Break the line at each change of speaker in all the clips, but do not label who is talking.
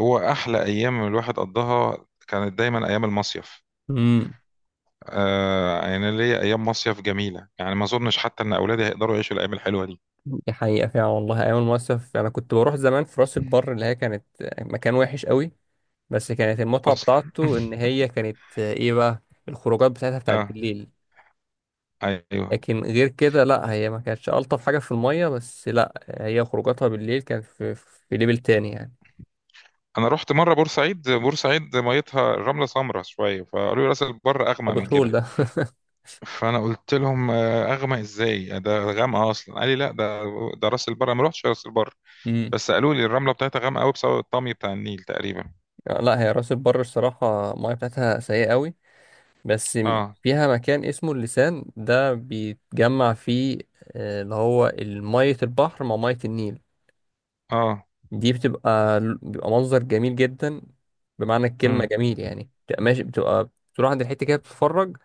هو احلى ايام الواحد قضاها كانت دايما ايام المصيف.
امم
آه، يعني ليا ايام مصيف جميله، يعني ما اظنش حتى ان اولادي هيقدروا يعيشوا الايام الحلوه دي.
دي حقيقة فعلا والله. أيام المصيف أنا كنت بروح زمان في راس البر، اللي هي كانت مكان وحش قوي. بس كانت المتعة
اصلا
بتاعته إن هي كانت إيه بقى، الخروجات بتاعتها بتاعت
اه،
بالليل.
ايوه.
لكن غير كده، لأ هي ما كانتش ألطف حاجة في المية، بس لأ هي خروجاتها بالليل كانت في ليفل تاني يعني.
انا رحت مره بورسعيد، بورسعيد ميتها الرمله سمراء شويه، فقالوا لي راس البر اغمق
ده
من
بترول
كده.
ده.
فانا قلت لهم اغمق ازاي؟ ده غامقه اصلا. قال لي لا، ده ده راس البر، أنا ما رحتش راس البر،
امم.
بس قالوا لي الرمله بتاعتها غامقه قوي بسبب الطمي بتاع النيل تقريبا.
لأ، هي راس البر الصراحة المية بتاعتها سيئة قوي. بس
اه،
فيها مكان اسمه اللسان ده بيتجمع فيه اللي هو مية البحر مع مية النيل.
اه،
دي بيبقى منظر جميل جدا، بمعنى الكلمة
امم،
جميل يعني. بتبقى ماشي، بتبقى تروح عند الحتة كده بتتفرج،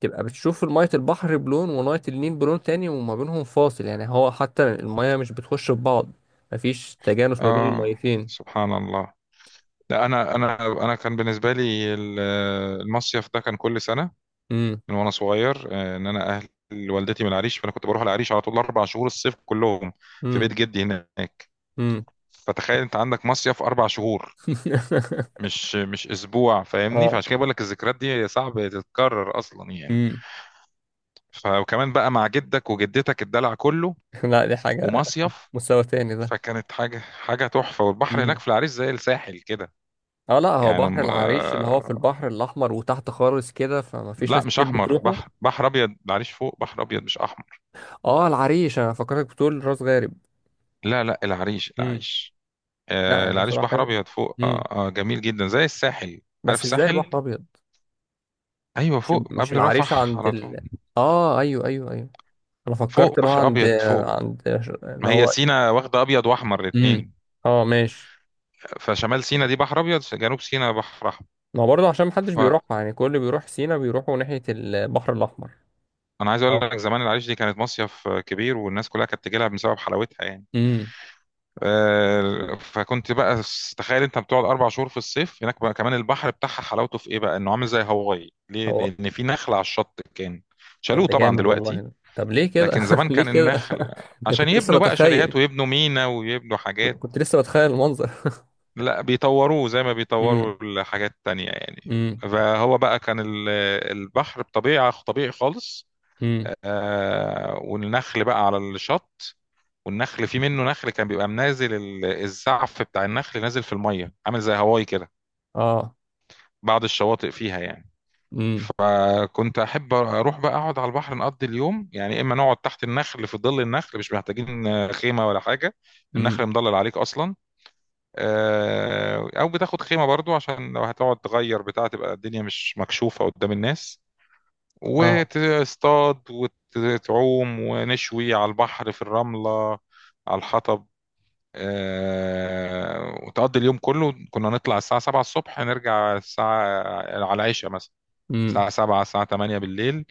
تبقى بتشوف مية البحر بلون ومية النيل بلون تاني، وما بينهم فاصل يعني. هو حتى المية مش بتخش في بعض، مفيش تجانس ما بين
اه،
الميتين.
سبحان الله. لا انا انا كان بالنسبه لي المصيف ده كان كل سنه،
امم.
من وانا صغير. ان اهل والدتي من العريش، فانا كنت بروح العريش على طول 4 شهور، الصيف كلهم في بيت
امم.
جدي هناك.
امم.
فتخيل انت عندك مصيف 4 شهور، مش اسبوع، فاهمني؟
اه.
فعشان كده بقول لك الذكريات دي صعب تتكرر اصلا يعني.
امم.
فكمان بقى مع جدك وجدتك الدلع كله،
لا، دي حاجة
ومصيف،
مستوى تاني ده.
فكانت حاجه تحفه. والبحر هناك
امم.
في العريش زي الساحل كده
اه، لا، هو
يعني.
بحر العريش اللي هو في البحر الاحمر وتحت خالص كده، فما فيش
لا،
ناس
مش
كتير
احمر،
بتروحه.
بحر ابيض، العريش فوق بحر ابيض مش احمر.
اه، العريش انا فكرتك بتقول راس غارب.
لا لا، العريش
امم.
العريش، آه
لا، هي
العريش
صراحه
بحر
حلوه.
ابيض فوق،
امم.
آه، جميل جدا زي الساحل. عارف
بس ازاي
الساحل؟
بحر ابيض؟
ايوه
مش
فوق،
مش
قبل
العريش
رفح
عند
على طول.
ال اه، ايوه، ايوه، ايوه. انا فكرت
فوق
اللي هو
بحر
عند
ابيض فوق.
عند
ما
اللي
هي
هو.
سينا واخده ابيض واحمر
امم.
الاثنين،
اه، ماشي.
فشمال سينا دي بحر ابيض، جنوب سينا بحر احمر.
ما هو برضه عشان محدش
فانا
بيروحها يعني، كل اللي بيروح سينا بيروحوا ناحيه البحر الاحمر.
عايز اقول
اه.
لك زمان العريش دي كانت مصيف كبير، والناس كلها كانت تجي لها بسبب حلاوتها يعني.
امم.
فكنت بقى تخيل انت بتقعد اربع شهور في الصيف هناك بقى. كمان البحر بتاعها حلاوته في ايه بقى؟ انه عامل زي هاواي. ليه؟
هو
لان في نخل على الشط، كان
طب
شالوه
ده
طبعا
جامد والله
دلوقتي.
ده. طب ليه كده؟
لكن زمان
ليه
كان
كده؟
النخل،
ده
عشان
كنت لسه
يبنوا بقى شاليهات
بتخيل.
ويبنوا مينا ويبنوا حاجات.
كنت لسه بتخيل المنظر.
لا، بيطوروه زي ما
امم.
بيطوروا الحاجات التانية يعني.
امم.
فهو بقى كان البحر بطبيعة طبيعي خالص.
امم.
والنخل بقى على الشط، والنخل في منه نخل كان بيبقى منازل، الزعف بتاع النخل نازل في الميه، عامل زي هواي كده
اه.
بعض الشواطئ فيها يعني.
امم.
فكنت احب اروح بقى اقعد على البحر، نقضي اليوم يعني، اما نقعد تحت النخل في ظل النخل مش محتاجين خيمه ولا حاجه،
امم.
النخل مضلل عليك اصلا. او بتاخد خيمه برضو، عشان لو هتقعد تغير بتاع، تبقى الدنيا مش مكشوفه قدام الناس.
اه.
وتصطاد وتعوم، ونشوي على البحر في الرمله، على الحطب. وتقضي اليوم كله. كنا نطلع الساعة 7 الصبح، نرجع الساعة على العشاء مثلا،
امم.
الساعة 7 الساعة 8 بالليل.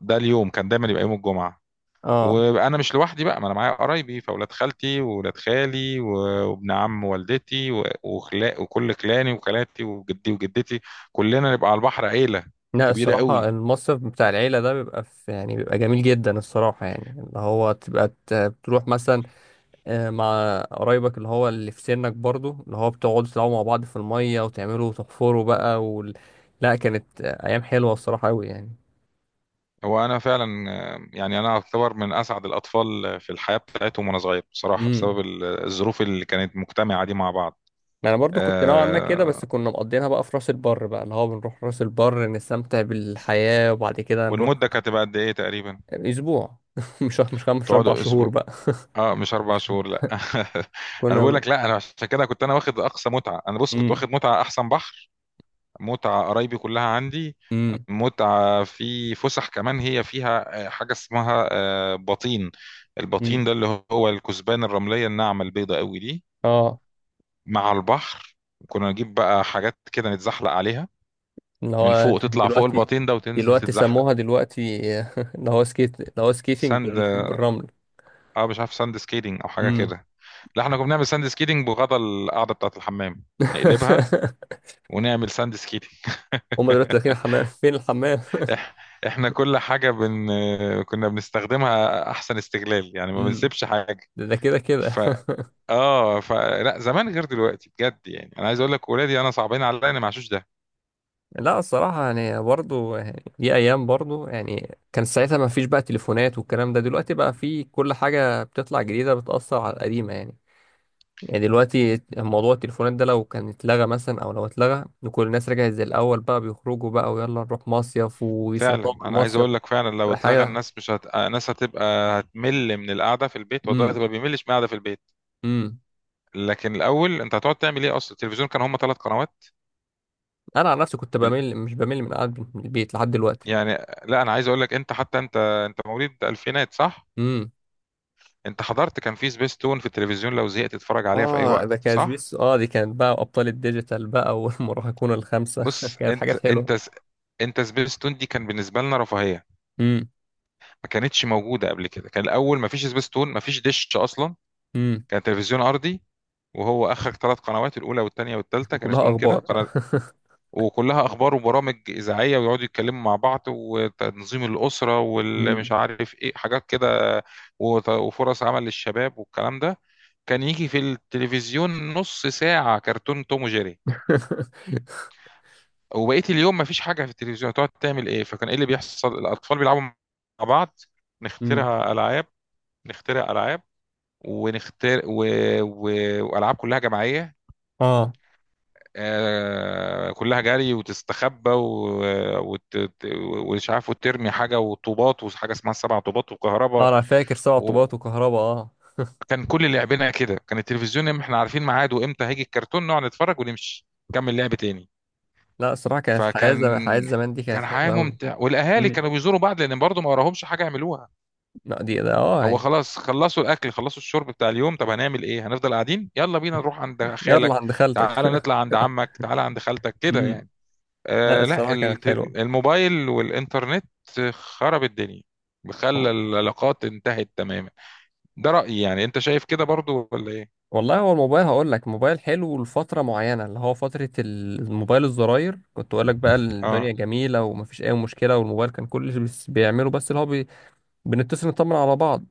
ده اليوم كان دايما يبقى يوم الجمعة.
اه،
وانا مش لوحدي بقى، ما انا معايا قرايبي، فاولاد خالتي واولاد خالي وابن عم والدتي وخلا وكل خلاني وخالاتي وجدي وجدتي، كلنا نبقى على البحر عيلة
لا
كبيرة
الصراحة
قوي.
المصيف بتاع العيلة ده بيبقى في يعني، بيبقى جميل جدا الصراحة يعني. اللي هو تبقى بتروح مثلا مع قرايبك، اللي هو اللي في سنك برضو، اللي هو بتقعدوا تلعبوا مع بعض في المية وتعملوا وتحفروا بقى لا، كانت أيام حلوة الصراحة أوي.
هو انا فعلا، يعني انا اعتبر من اسعد الاطفال في الحياة بتاعتهم وانا صغير بصراحة،
يعني
بسبب الظروف اللي كانت مجتمعة دي مع بعض.
ما انا برضو كنت نوعا ما كده،
آه.
بس كنا مقضينها بقى في راس البر بقى، اللي هو بنروح راس البر نستمتع بالحياة وبعد كده نروح.
والمدة كانت هتبقى قد ايه تقريبا؟
اسبوع. مش كام، مش اربع
تقعدوا
شهور بقى.
اسبوع؟ اه مش 4 شهور لا انا بقول
كنا.
لك، لا انا عشان كده كنت انا واخد اقصى متعة. انا بص، كنت
امم.
واخد متعة احسن بحر، متعة قرايبي كلها عندي،
امم.
متعة في فسح. كمان هي فيها حاجة اسمها بطين. البطين
امم.
ده اللي هو الكثبان الرملية الناعمة البيضة قوي دي،
اه،
مع البحر. كنا نجيب بقى حاجات كده نتزحلق عليها
اللي
من
هو
فوق، تطلع فوق
دلوقتي
البطين ده وتنزل
دلوقتي
تتزحلق.
سموها دلوقتي، اللي هو سكيت، اللي هو سكيتنج
ساند،
بالرمل.
اه مش عارف ساند سكيتنج او حاجة
امم.
كده. لا احنا كنا بنعمل ساند سكيتنج بغطا القاعده بتاعه الحمام، نقلبها ونعمل ساند سكيتنج.
هما دلوقتي داخلين الحمام؟ فين الحمام؟
إح... احنا كل حاجه بن... كنا بنستخدمها احسن استغلال يعني، ما
امم.
بنسيبش حاجه.
ده ده كده كده.
ف اه، لا زمان غير دلوقتي بجد، يعني انا عايز اقول لك ولادي انا صعبين عليا، انا ما عاشوش ده.
لا الصراحة يعني برضو يعني دي أيام برضو يعني كان ساعتها ما فيش بقى تليفونات والكلام ده. دلوقتي بقى في كل حاجة بتطلع جديدة بتأثر على القديمة يعني. يعني دلوقتي موضوع التليفونات ده لو كان اتلغى مثلا، أو لو اتلغى وكل الناس رجعت زي الأول، بقى بيخرجوا بقى ويلا نروح مصيف، ويسافروا
فعلا انا عايز
المصيف
اقول لك، فعلا لو
تبقى
اتلغى
حاجة.
الناس مش هت... الناس هتبقى، هتمل من القعده في البيت. ودلوقتي
امم.
ما بيملش من القعده في البيت.
امم.
لكن الاول انت هتقعد تعمل ايه اصلا؟ التلفزيون كان هم 3 قنوات
أنا عن نفسي كنت بمل، مش بمل من قعدة البيت لحد دلوقتي.
يعني. لا انا عايز اقول لك، انت حتى انت مواليد الفينات صح؟
امم.
انت حضرت، كان في سبيستون في التلفزيون، لو زهقت تتفرج عليها في اي
اه، ده
وقت
كان
صح؟
سبيس. اه، دي كانت بقى أبطال الديجيتال بقى والمراهقون الخمسة.
بص
كانت
انت
حاجات حلوة.
انت انت سبيستون دي كان بالنسبه لنا رفاهيه،
مم.
ما كانتش موجوده قبل كده. كان الاول ما فيش سبيستون، ما فيش دش اصلا،
امم.
كان تلفزيون ارضي، وهو اخرك 3 قنوات، الاولى والثانيه والثالثه كان
كلها
اسمهم
اخبار
كده.
بقى.
وكلها اخبار وبرامج اذاعيه، ويقعدوا يتكلموا مع بعض، وتنظيم الاسره والمش
امم.
عارف ايه حاجات كده، وفرص عمل للشباب والكلام ده. كان يجي في التلفزيون نص ساعه كرتون توم وجيري، وبقيه اليوم مفيش حاجه في التلفزيون، تقعد تعمل ايه؟ فكان ايه اللي بيحصل؟ الاطفال بيلعبوا مع بعض،
امم.
نخترع العاب نخترع العاب ونختار و... والعاب كلها جماعيه.
اه.
كلها جري وتستخبى ومش عارف، وترمي حاجه وطوبات، وحاجه اسمها السبع طوبات، وكهرباء.
انا فاكر سبع
وكان
طوبات وكهرباء. اه.
كل لعبنا كده كان التلفزيون إم- احنا عارفين ميعاده امتى هيجي الكرتون نقعد نتفرج ونمشي نكمل لعب تاني
لا الصراحه كانت حياه
فكان
زمان، حياه زمان دي كانت
كان حياه
حلوه قوي.
ممتعه، والاهالي
امم.
كانوا بيزوروا بعض، لان برضه ما وراهمش حاجه يعملوها.
لا دي ده اه
هو
يعني.
خلاص، خلصوا الاكل خلصوا الشرب بتاع اليوم، طب هنعمل ايه؟ هنفضل قاعدين؟ يلا بينا نروح عند
يلا
خالك،
عند
تعالى
خالتك.
نطلع عند عمك، تعالى عند خالتك كده
امم.
يعني.
لا
آه لا
الصراحه كانت
الت-
حلوه.
الموبايل والإنترنت خرب الدنيا، خلى العلاقات انتهت تماما. ده رأيي، يعني انت شايف كده برضو ولا ايه؟
والله هو الموبايل، هقول لك، موبايل حلو لفتره معينه، اللي هو فتره الموبايل الزراير كنت اقول لك بقى
اه
الدنيا جميله ومفيش اي مشكله. والموبايل كان كل اللي بيعمله بس اللي هو بنتصل نطمن على بعض.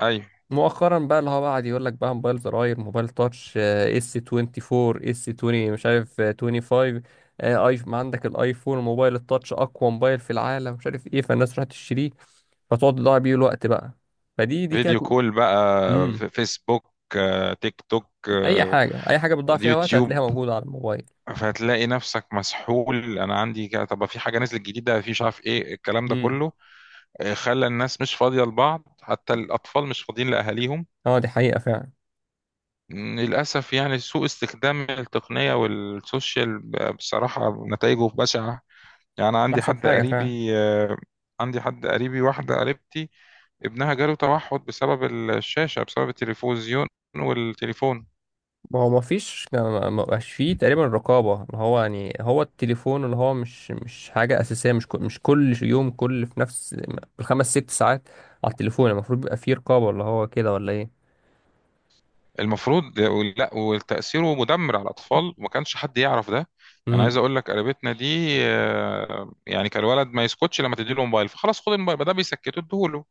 ايوه،
مؤخرا بقى اللي هو بقى قعد يقول لك بقى، موبايل زراير، موبايل تاتش، اس 24، اس 20، مش عارف، 25، ايف، ما عندك الايفون، موبايل التاتش، اقوى موبايل في العالم، مش عارف ايه، فالناس راح تشتريه. فتقعد تضيع بيه الوقت بقى. فدي كانت.
فيديو كول بقى،
امم.
فيسبوك، تيك توك،
اي حاجه اي حاجه بتضيع فيها وقت
يوتيوب.
هتلاقيها موجوده على الموبايل.
فهتلاقي نفسك مسحول، انا عندي كده، طب في حاجه نزلت جديده، في مش عارف ايه، الكلام ده
امم.
كله خلى الناس مش فاضيه لبعض، حتى الاطفال مش فاضيين لاهاليهم.
اه دي حقيقه فعلا.
للأسف يعني، سوء استخدام التقنية والسوشيال بصراحة نتائجه بشعة. يعني أنا
مش
عندي
احسن
حد
حاجه فعلا.
قريبي، عندي حد قريبي، واحدة قريبتي، ابنها جاله توحد بسبب الشاشة، بسبب التلفزيون والتليفون.
ما هو ما فيش، ما بقاش فيه تقريبا رقابة، اللي هو يعني. هو التليفون اللي هو مش حاجة أساسية، مش مش كل يوم كل في نفس بالخمس ست ساعات على التليفون. المفروض بيبقى فيه رقابة، اللي هو كده ولا إيه؟
المفروض، لا وتأثيره مدمر على الأطفال، وما كانش حد يعرف ده. يعني عايز
امم.
أقول لك قريبتنا دي يعني كان الولد ما يسكتش، لما تديله موبايل فخلاص، خد الموبايل ما ده بيسكته، اديهوله.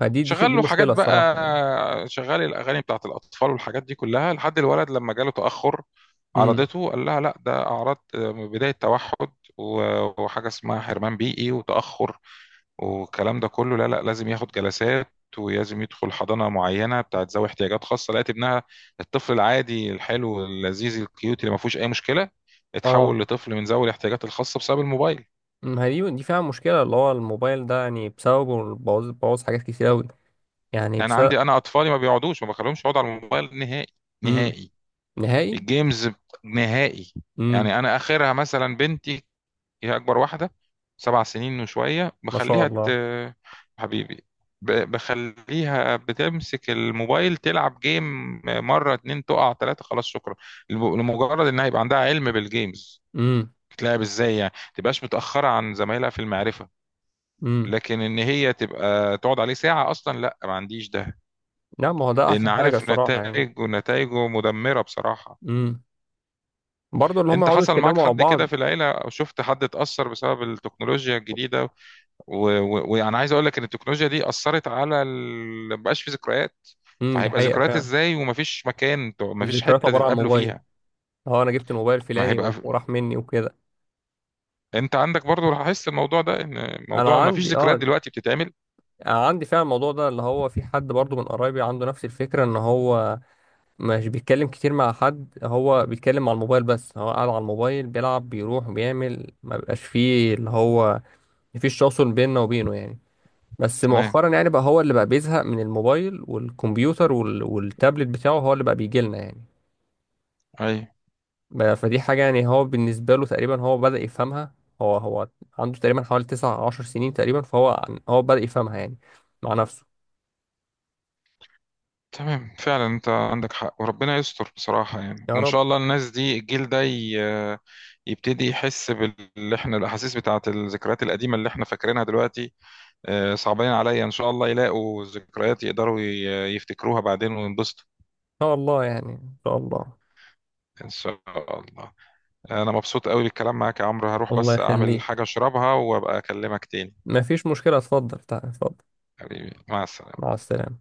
فدي دي
شغال
دي
له حاجات
مشكلة الصراحة يعني.
بقى، شغال الاغاني بتاعت الاطفال والحاجات دي كلها، لحد الولد لما جاله تاخر،
امم.
عرضته قال لها لا ده اعراض بدايه توحد وحاجه اسمها حرمان بيئي وتاخر، والكلام ده كله. لا لازم ياخد جلسات، ولازم يدخل حضانه معينه بتاعت ذوي احتياجات خاصه. لقيت ابنها الطفل العادي الحلو اللذيذ الكيوت اللي ما فيهوش اي مشكله،
اه،
اتحول لطفل من ذوي الاحتياجات الخاصه بسبب الموبايل.
ما هي دي فعلا مشكلة، اللي هو الموبايل ده يعني بسببه بوظ حاجات كتير أوي، يعني
يعني
بسبب.
عندي انا اطفالي ما بيقعدوش، ما بخليهمش يقعدوا على الموبايل نهائي،
امم.
نهائي،
نهائي.
الجيمز نهائي.
امم.
يعني انا اخرها مثلا بنتي، هي اكبر واحده، 7 سنين وشويه،
ما شاء الله.
حبيبي، بخليها بتمسك الموبايل تلعب جيم، مره اتنين تقع تلاته خلاص شكرا. لمجرد انها يبقى عندها علم بالجيمز،
امم.
بتلعب ازاي يعني، تبقاش متاخره عن زمايلها في المعرفه.
امم.
لكن ان هي تبقى تقعد عليه ساعه اصلا لا، ما عنديش ده،
لا، ما هو ده
لان
أحسن حاجة
عارف
الصراحة يعني.
نتائج، ونتائجه مدمره بصراحه.
مم. برضه اللي هم
انت
يقعدوا
حصل معاك
يتكلموا مع
حد كده
بعض.
في العيله، او شفت حد اتاثر بسبب التكنولوجيا الجديده؟ وانا عايز اقول لك ان التكنولوجيا دي اثرت على مبقاش في ذكريات.
امم. دي
فهيبقى
حقيقة
ذكريات
فعلا.
ازاي، ومفيش مكان مفيش
الذكريات
حته
عبارة عن
تتقابلوا
موبايل.
فيها؟
اه، انا جبت الموبايل
ما
فلاني
هيبقى في...
وراح مني وكده.
انت عندك برضو لاحظت الموضوع ده، ان موضوع
انا
مفيش
عندي
ذكريات
اه،
دلوقتي بتتعمل؟
انا عندي فعلا الموضوع ده، اللي هو في حد برضو من قرايبي عنده نفس الفكرة، ان هو مش بيتكلم كتير مع حد. هو بيتكلم على الموبايل بس، هو قاعد على الموبايل بيلعب، بيروح بيعمل، ما بيبقاش فيه اللي هو مفيش تواصل بيننا وبينه يعني. بس
تمام،
مؤخرا يعني بقى هو اللي بقى بيزهق من الموبايل والكمبيوتر والتابلت بتاعه، هو اللي بقى بيجي لنا يعني.
اي،
فدي حاجة يعني، هو بالنسبة له تقريبا هو بدأ يفهمها. هو عنده تقريبا حوالي 19 سنين تقريبا، فهو هو بدأ يفهمها يعني مع نفسه.
تمام فعلا. انت عندك حق، وربنا يستر بصراحه يعني.
يا
وان
رب إن
شاء الله الناس دي، الجيل ده يبتدي يحس باللي احنا، الاحاسيس بتاعت الذكريات القديمه اللي احنا فاكرينها دلوقتي. صعبين عليا، ان شاء الله يلاقوا ذكريات يقدروا يفتكروها بعدين وينبسطوا.
شاء الله يعني، إن شاء الله.
ان شاء الله. انا مبسوط قوي بالكلام معاك يا عمرو، هروح
الله
بس اعمل
يخليك.
حاجة اشربها وابقى اكلمك تاني.
مفيش مشكلة، اتفضل، تعال، اتفضل.
حبيبي، مع السلامة.
مع السلامة.